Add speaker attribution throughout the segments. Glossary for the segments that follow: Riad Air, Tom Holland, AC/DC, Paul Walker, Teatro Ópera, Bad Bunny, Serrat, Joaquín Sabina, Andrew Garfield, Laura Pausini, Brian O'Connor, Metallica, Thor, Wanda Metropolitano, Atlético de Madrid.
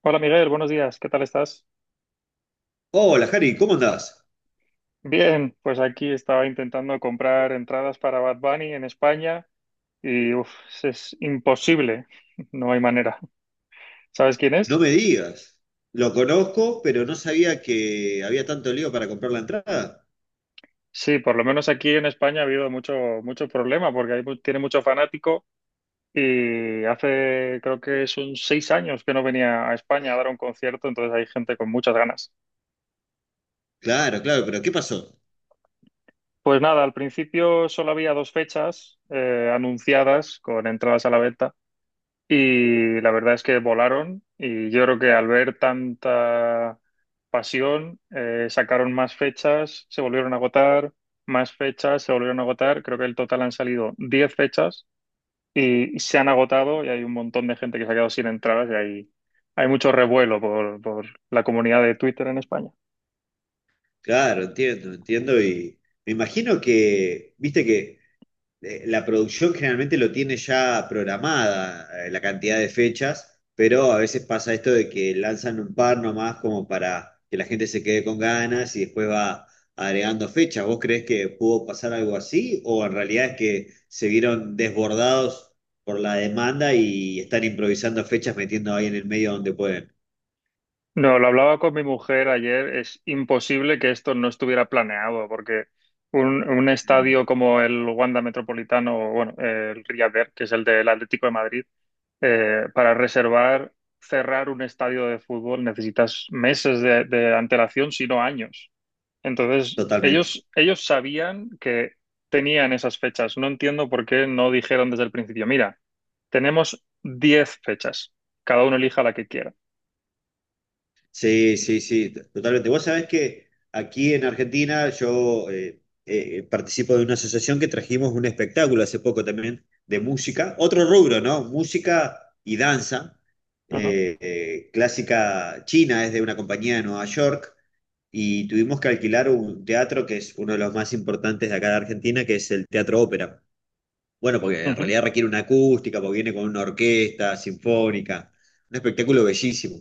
Speaker 1: Hola Miguel, buenos días, ¿qué tal estás?
Speaker 2: Hola, Jari, ¿cómo andás?
Speaker 1: Bien, pues aquí estaba intentando comprar entradas para Bad Bunny en España y uf, es imposible, no hay manera. ¿Sabes quién
Speaker 2: No
Speaker 1: es?
Speaker 2: me digas. Lo conozco, pero no sabía que había tanto lío para comprar la entrada.
Speaker 1: Sí, por lo menos aquí en España ha habido mucho, mucho problema porque tiene mucho fanático y hace creo que son 6 años que no venía a España a dar un concierto, entonces hay gente con muchas ganas.
Speaker 2: Claro, claro, pero ¿qué pasó?
Speaker 1: Pues nada, al principio solo había dos fechas anunciadas con entradas a la venta. Y la verdad es que volaron y yo creo que al ver tanta pasión, sacaron más fechas, se volvieron a agotar, más fechas, se volvieron a agotar. Creo que el total han salido 10 fechas y se han agotado y hay un montón de gente que se ha quedado sin entradas y hay mucho revuelo por la comunidad de Twitter en España.
Speaker 2: Claro, entiendo, entiendo y me imagino que, viste que la producción generalmente lo tiene ya programada, la cantidad de fechas, pero a veces pasa esto de que lanzan un par nomás como para que la gente se quede con ganas y después va agregando fechas. ¿Vos creés que pudo pasar algo así o en realidad es que se vieron desbordados por la demanda y están improvisando fechas metiendo ahí en el medio donde pueden?
Speaker 1: No, lo hablaba con mi mujer ayer. Es imposible que esto no estuviera planeado, porque un
Speaker 2: Mm.
Speaker 1: estadio como el Wanda Metropolitano, o bueno, el Riad Air, que es el del Atlético de Madrid, para reservar, cerrar un estadio de fútbol necesitas meses de antelación, si no años. Entonces,
Speaker 2: Totalmente.
Speaker 1: ellos sabían que tenían esas fechas. No entiendo por qué no dijeron desde el principio, mira, tenemos 10 fechas, cada uno elija la que quiera.
Speaker 2: Sí, sí, sí, totalmente. Vos sabés que aquí en Argentina yo participo de una asociación que trajimos un espectáculo hace poco también de música, otro rubro, ¿no? Música y danza,
Speaker 1: Ajá.
Speaker 2: clásica china, es de una compañía de Nueva York, y tuvimos que alquilar un teatro que es uno de los más importantes de acá de Argentina, que es el Teatro Ópera. Bueno, porque en realidad requiere una acústica, porque viene con una orquesta sinfónica, un espectáculo bellísimo.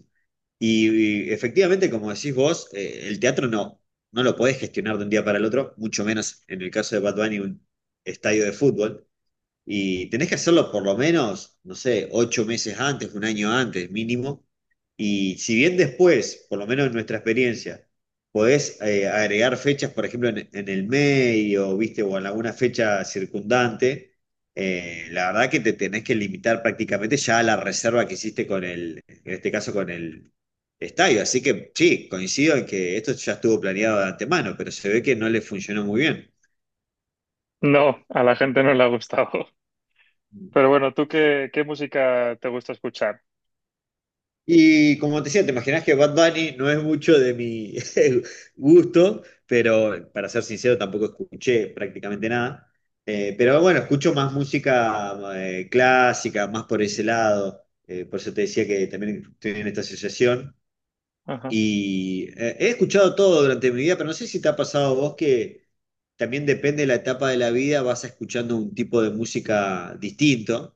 Speaker 2: Y efectivamente, como decís vos, el teatro no lo podés gestionar de un día para el otro, mucho menos en el caso de Bad Bunny, un estadio de fútbol. Y tenés que hacerlo por lo menos, no sé, 8 meses antes, un año antes mínimo. Y si bien después, por lo menos en nuestra experiencia, podés agregar fechas, por ejemplo, en el medio, ¿viste? O en alguna fecha circundante, la verdad que te tenés que limitar prácticamente ya a la reserva que hiciste con el, en este caso con el estadio. Así que sí, coincido en que esto ya estuvo planeado de antemano, pero se ve que no le funcionó muy bien.
Speaker 1: No, a la gente no le ha gustado. Pero bueno, ¿tú qué música te gusta escuchar?
Speaker 2: Y como te decía, te imaginas que Bad Bunny no es mucho de mi gusto, pero para ser sincero tampoco escuché prácticamente nada. Pero bueno, escucho más música clásica, más por ese lado. Por eso te decía que también estoy en esta asociación.
Speaker 1: Ajá.
Speaker 2: Y he escuchado todo durante mi vida, pero no sé si te ha pasado a vos que también depende de la etapa de la vida, vas escuchando un tipo de música distinto.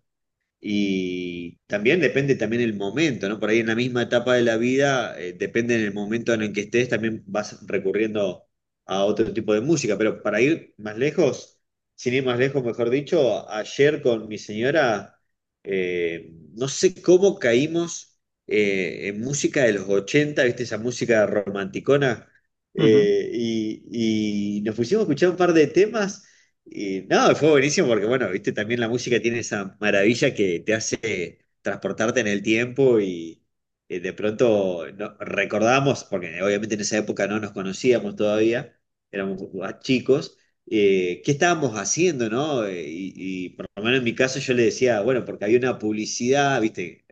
Speaker 2: Y también depende también el momento, ¿no? Por ahí en la misma etapa de la vida, depende en el momento en el que estés, también vas recurriendo a otro tipo de música. Pero para ir más lejos, sin ir más lejos, mejor dicho, ayer con mi señora, no sé cómo caímos en música de los ochenta, ¿viste? Esa música romanticona.
Speaker 1: Ujú.
Speaker 2: Y nos pusimos a escuchar un par de temas. Y no, fue buenísimo porque, bueno, viste, también la música tiene esa maravilla que te hace transportarte en el tiempo y de pronto no, recordamos, porque obviamente en esa época no nos conocíamos todavía, éramos más chicos, qué estábamos haciendo, ¿no? Y por lo menos en mi caso yo le decía, bueno, porque había una publicidad, viste,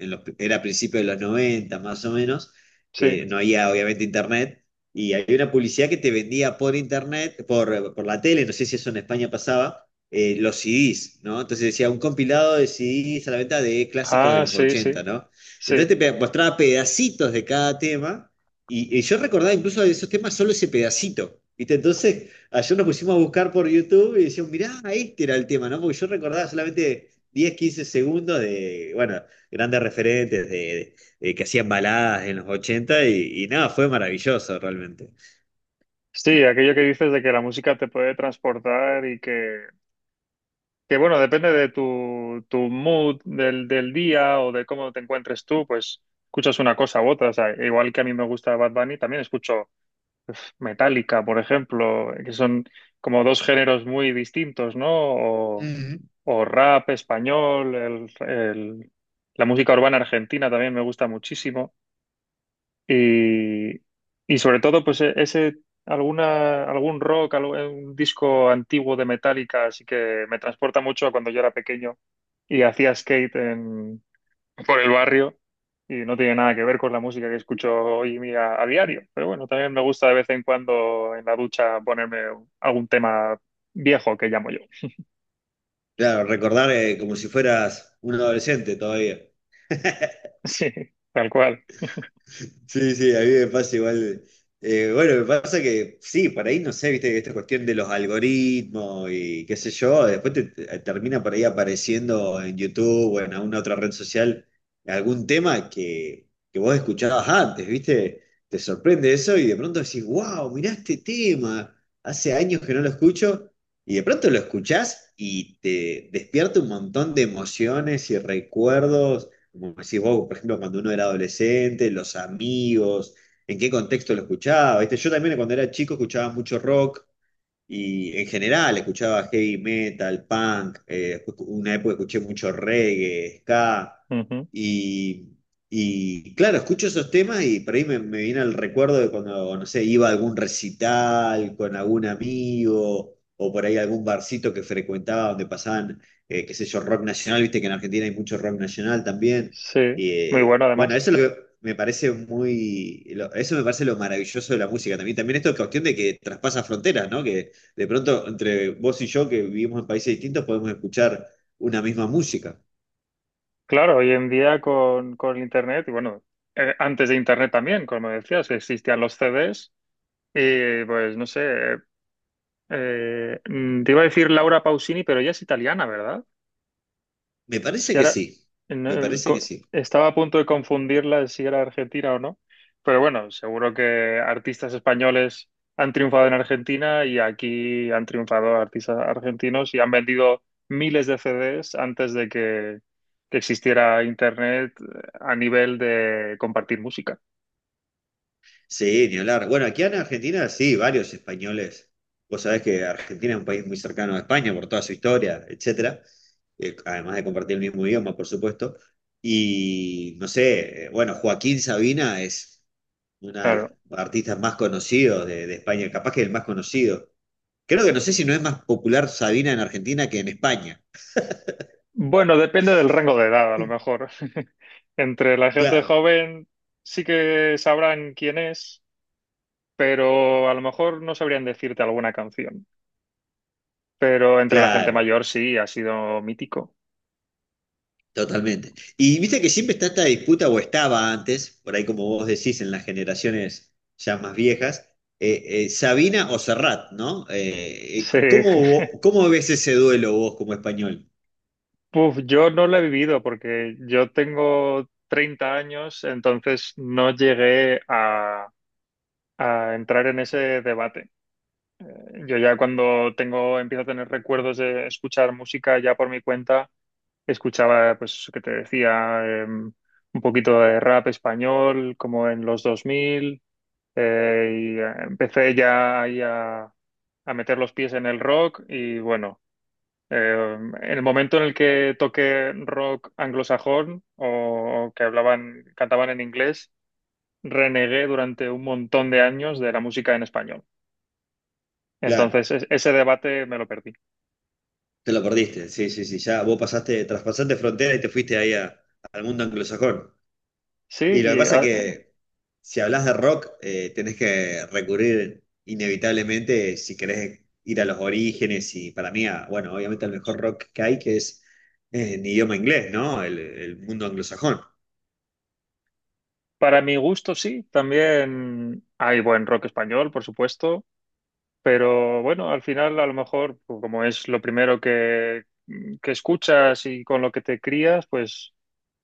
Speaker 2: era a principios de los 90 más o menos,
Speaker 1: Sí.
Speaker 2: no había obviamente internet, y había una publicidad que te vendía por internet, por la tele, no sé si eso en España pasaba, los CDs, ¿no? Entonces decía un compilado de CDs a la venta de clásicos de
Speaker 1: Ah,
Speaker 2: los
Speaker 1: sí, sí,
Speaker 2: ochenta, ¿no?
Speaker 1: sí.
Speaker 2: Entonces te mostraba pedacitos de cada tema, y yo recordaba incluso de esos temas solo ese pedacito. ¿Viste? Entonces, ayer nos pusimos a buscar por YouTube y decíamos, mirá, este era el tema, ¿no? Porque yo recordaba solamente 10 15 segundos de, bueno, grandes referentes de que hacían baladas en los 80 y nada, fue maravilloso realmente.
Speaker 1: Sí, aquello que dices de que la música te puede transportar y que bueno, depende de tu mood del día o de cómo te encuentres tú, pues escuchas una cosa u otra. O sea, igual que a mí me gusta Bad Bunny, también escucho Metallica, por ejemplo, que son como dos géneros muy distintos, ¿no?
Speaker 2: Ujú.
Speaker 1: O rap español, la música urbana argentina también me gusta muchísimo. Y, y sobre todo, pues ese, algún rock, un disco antiguo de Metallica, así que me transporta mucho a cuando yo era pequeño y hacía skate por el barrio. Y no tiene nada que ver con la música que escucho hoy en día a diario. Pero bueno, también me gusta de vez en cuando en la ducha ponerme algún tema viejo que llamo yo.
Speaker 2: Claro, recordar como si fueras un adolescente todavía.
Speaker 1: Sí, tal cual.
Speaker 2: Sí, sí, a mí me pasa igual. Bueno, me pasa que sí, por ahí no sé, viste, esta cuestión de los algoritmos y qué sé yo, después te termina por ahí apareciendo en YouTube o en alguna otra red social algún tema que vos escuchabas antes, viste, te sorprende eso y de pronto decís, wow, mirá este tema, hace años que no lo escucho y de pronto lo escuchás y te despierta un montón de emociones y recuerdos como decís vos, por ejemplo, cuando uno era adolescente, los amigos, en qué contexto lo escuchaba. ¿Viste? Yo también cuando era chico escuchaba mucho rock, y en general escuchaba heavy metal, punk, una época escuché mucho reggae, ska,
Speaker 1: Ujú.
Speaker 2: y, y claro, escucho esos temas y por ahí me viene el recuerdo de cuando, no sé, iba a algún recital con algún amigo, o por ahí algún barcito que frecuentaba donde pasaban, qué sé yo, rock nacional, viste que en Argentina hay mucho rock nacional también.
Speaker 1: Sí,
Speaker 2: Y,
Speaker 1: muy bueno
Speaker 2: bueno,
Speaker 1: además.
Speaker 2: eso es lo que me parece eso me parece lo maravilloso de la música también. También esto es cuestión de que traspasa fronteras, ¿no? Que de pronto entre vos y yo, que vivimos en países distintos, podemos escuchar una misma música.
Speaker 1: Claro, hoy en día con Internet, y bueno, antes de Internet también, como decías, existían los CDs y pues no sé, te iba a decir Laura Pausini, pero ella es italiana, ¿verdad?
Speaker 2: Me
Speaker 1: Es
Speaker 2: parece
Speaker 1: que
Speaker 2: que
Speaker 1: ahora
Speaker 2: sí, me
Speaker 1: no,
Speaker 2: parece que sí.
Speaker 1: estaba a punto de confundirla de si era Argentina o no, pero bueno, seguro que artistas españoles han triunfado en Argentina y aquí han triunfado artistas argentinos y han vendido miles de CDs antes de que, existiera Internet a nivel de compartir música.
Speaker 2: Sí, ni hablar. Bueno, aquí en Argentina sí, varios españoles. Vos sabés que Argentina es un país muy cercano a España por toda su historia, etcétera. Además de compartir el mismo idioma, por supuesto. Y no sé, bueno, Joaquín Sabina es una de las
Speaker 1: Claro.
Speaker 2: artistas más conocidos de España, capaz que el más conocido. Creo que no sé si no es más popular Sabina en Argentina que en España.
Speaker 1: Bueno, depende del rango de edad, a lo mejor. Entre la gente
Speaker 2: Claro,
Speaker 1: joven sí que sabrán quién es, pero a lo mejor no sabrían decirte alguna canción. Pero entre la gente
Speaker 2: claro,
Speaker 1: mayor sí, ha sido mítico.
Speaker 2: totalmente. Y viste que siempre está esta disputa, o estaba antes, por ahí como vos decís, en las generaciones ya más viejas, Sabina o Serrat, ¿no? Eh, eh, c-
Speaker 1: Sí.
Speaker 2: ¿cómo, vo- cómo ves ese duelo vos como español?
Speaker 1: Puf, yo no lo he vivido porque yo tengo 30 años, entonces no llegué a entrar en ese debate. Yo ya empiezo a tener recuerdos de escuchar música ya por mi cuenta, escuchaba, pues, eso que te decía, un poquito de rap español, como en los 2000. Y empecé ya ahí a meter los pies en el rock y bueno, eh, en el momento en el que toqué rock anglosajón o que cantaban en inglés, renegué durante un montón de años de la música en español.
Speaker 2: Claro,
Speaker 1: Entonces, ese debate me lo perdí.
Speaker 2: te lo perdiste, sí, sí, sí, ya vos pasaste, traspasaste frontera y te fuiste ahí al mundo anglosajón.
Speaker 1: Sí,
Speaker 2: Y lo que
Speaker 1: y
Speaker 2: pasa
Speaker 1: ah,
Speaker 2: que si hablas de rock, tenés que recurrir inevitablemente si querés ir a los orígenes y para mí, bueno, obviamente el mejor rock que hay, que es en idioma inglés, ¿no? El mundo anglosajón.
Speaker 1: para mi gusto sí, también hay buen rock español, por supuesto. Pero bueno, al final a lo mejor, pues, como es lo primero que escuchas y con lo que te crías, pues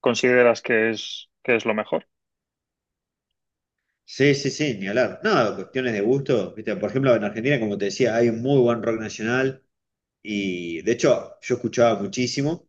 Speaker 1: consideras que es, lo mejor.
Speaker 2: Sí, sí, sí, ni hablar. No, cuestiones de gusto, ¿viste? Por ejemplo, en Argentina, como te decía, hay un muy buen rock nacional y de hecho yo escuchaba muchísimo.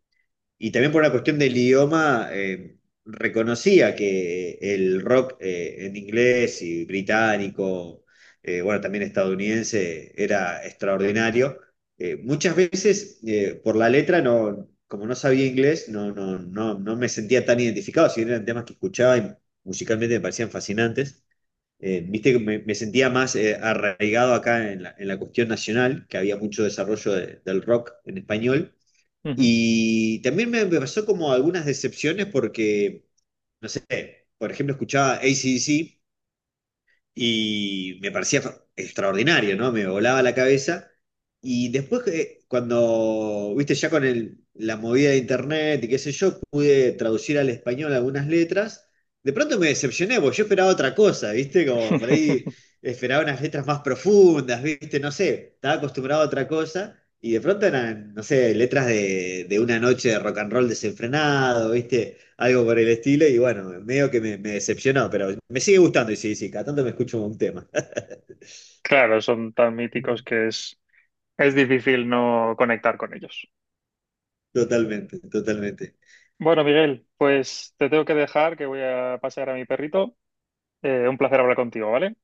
Speaker 2: Y también por una cuestión del idioma, reconocía que el rock en inglés y británico, bueno, también estadounidense, era extraordinario. Muchas veces por la letra, no, como no sabía inglés, no me sentía tan identificado, si bien eran temas que escuchaba y musicalmente me parecían fascinantes. Viste que me sentía más arraigado acá en la cuestión nacional, que había mucho desarrollo del rock en español
Speaker 1: Ujú.
Speaker 2: y también me pasó como algunas decepciones porque, no sé, por ejemplo, escuchaba a C/D c ACDC y me parecía extraordinario, ¿no? Me volaba la cabeza. Y después, que cuando, viste, ya con la movida de internet y qué sé yo, pude traducir al español algunas letras, de pronto me decepcioné, porque yo esperaba otra cosa, viste, como por ahí esperaba unas letras más profundas, viste, no sé, estaba acostumbrado a otra cosa. Y de pronto eran, no sé, letras de una noche de rock and roll desenfrenado, ¿viste? Algo por el estilo, y bueno, medio que me decepcionó, pero me sigue gustando, y sí, sí, cada tanto me escucho un tema.
Speaker 1: Claro, son tan míticos que es difícil no conectar con ellos.
Speaker 2: Totalmente, totalmente.
Speaker 1: Bueno, Miguel, pues te tengo que dejar, que voy a pasear a mi perrito. Un placer hablar contigo, ¿vale?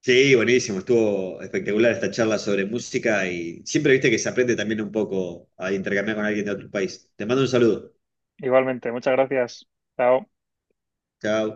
Speaker 2: Sí, buenísimo, estuvo espectacular esta charla sobre música y siempre viste que se aprende también un poco a intercambiar con alguien de otro país. Te mando un saludo.
Speaker 1: Igualmente, muchas gracias. Chao.
Speaker 2: Chao.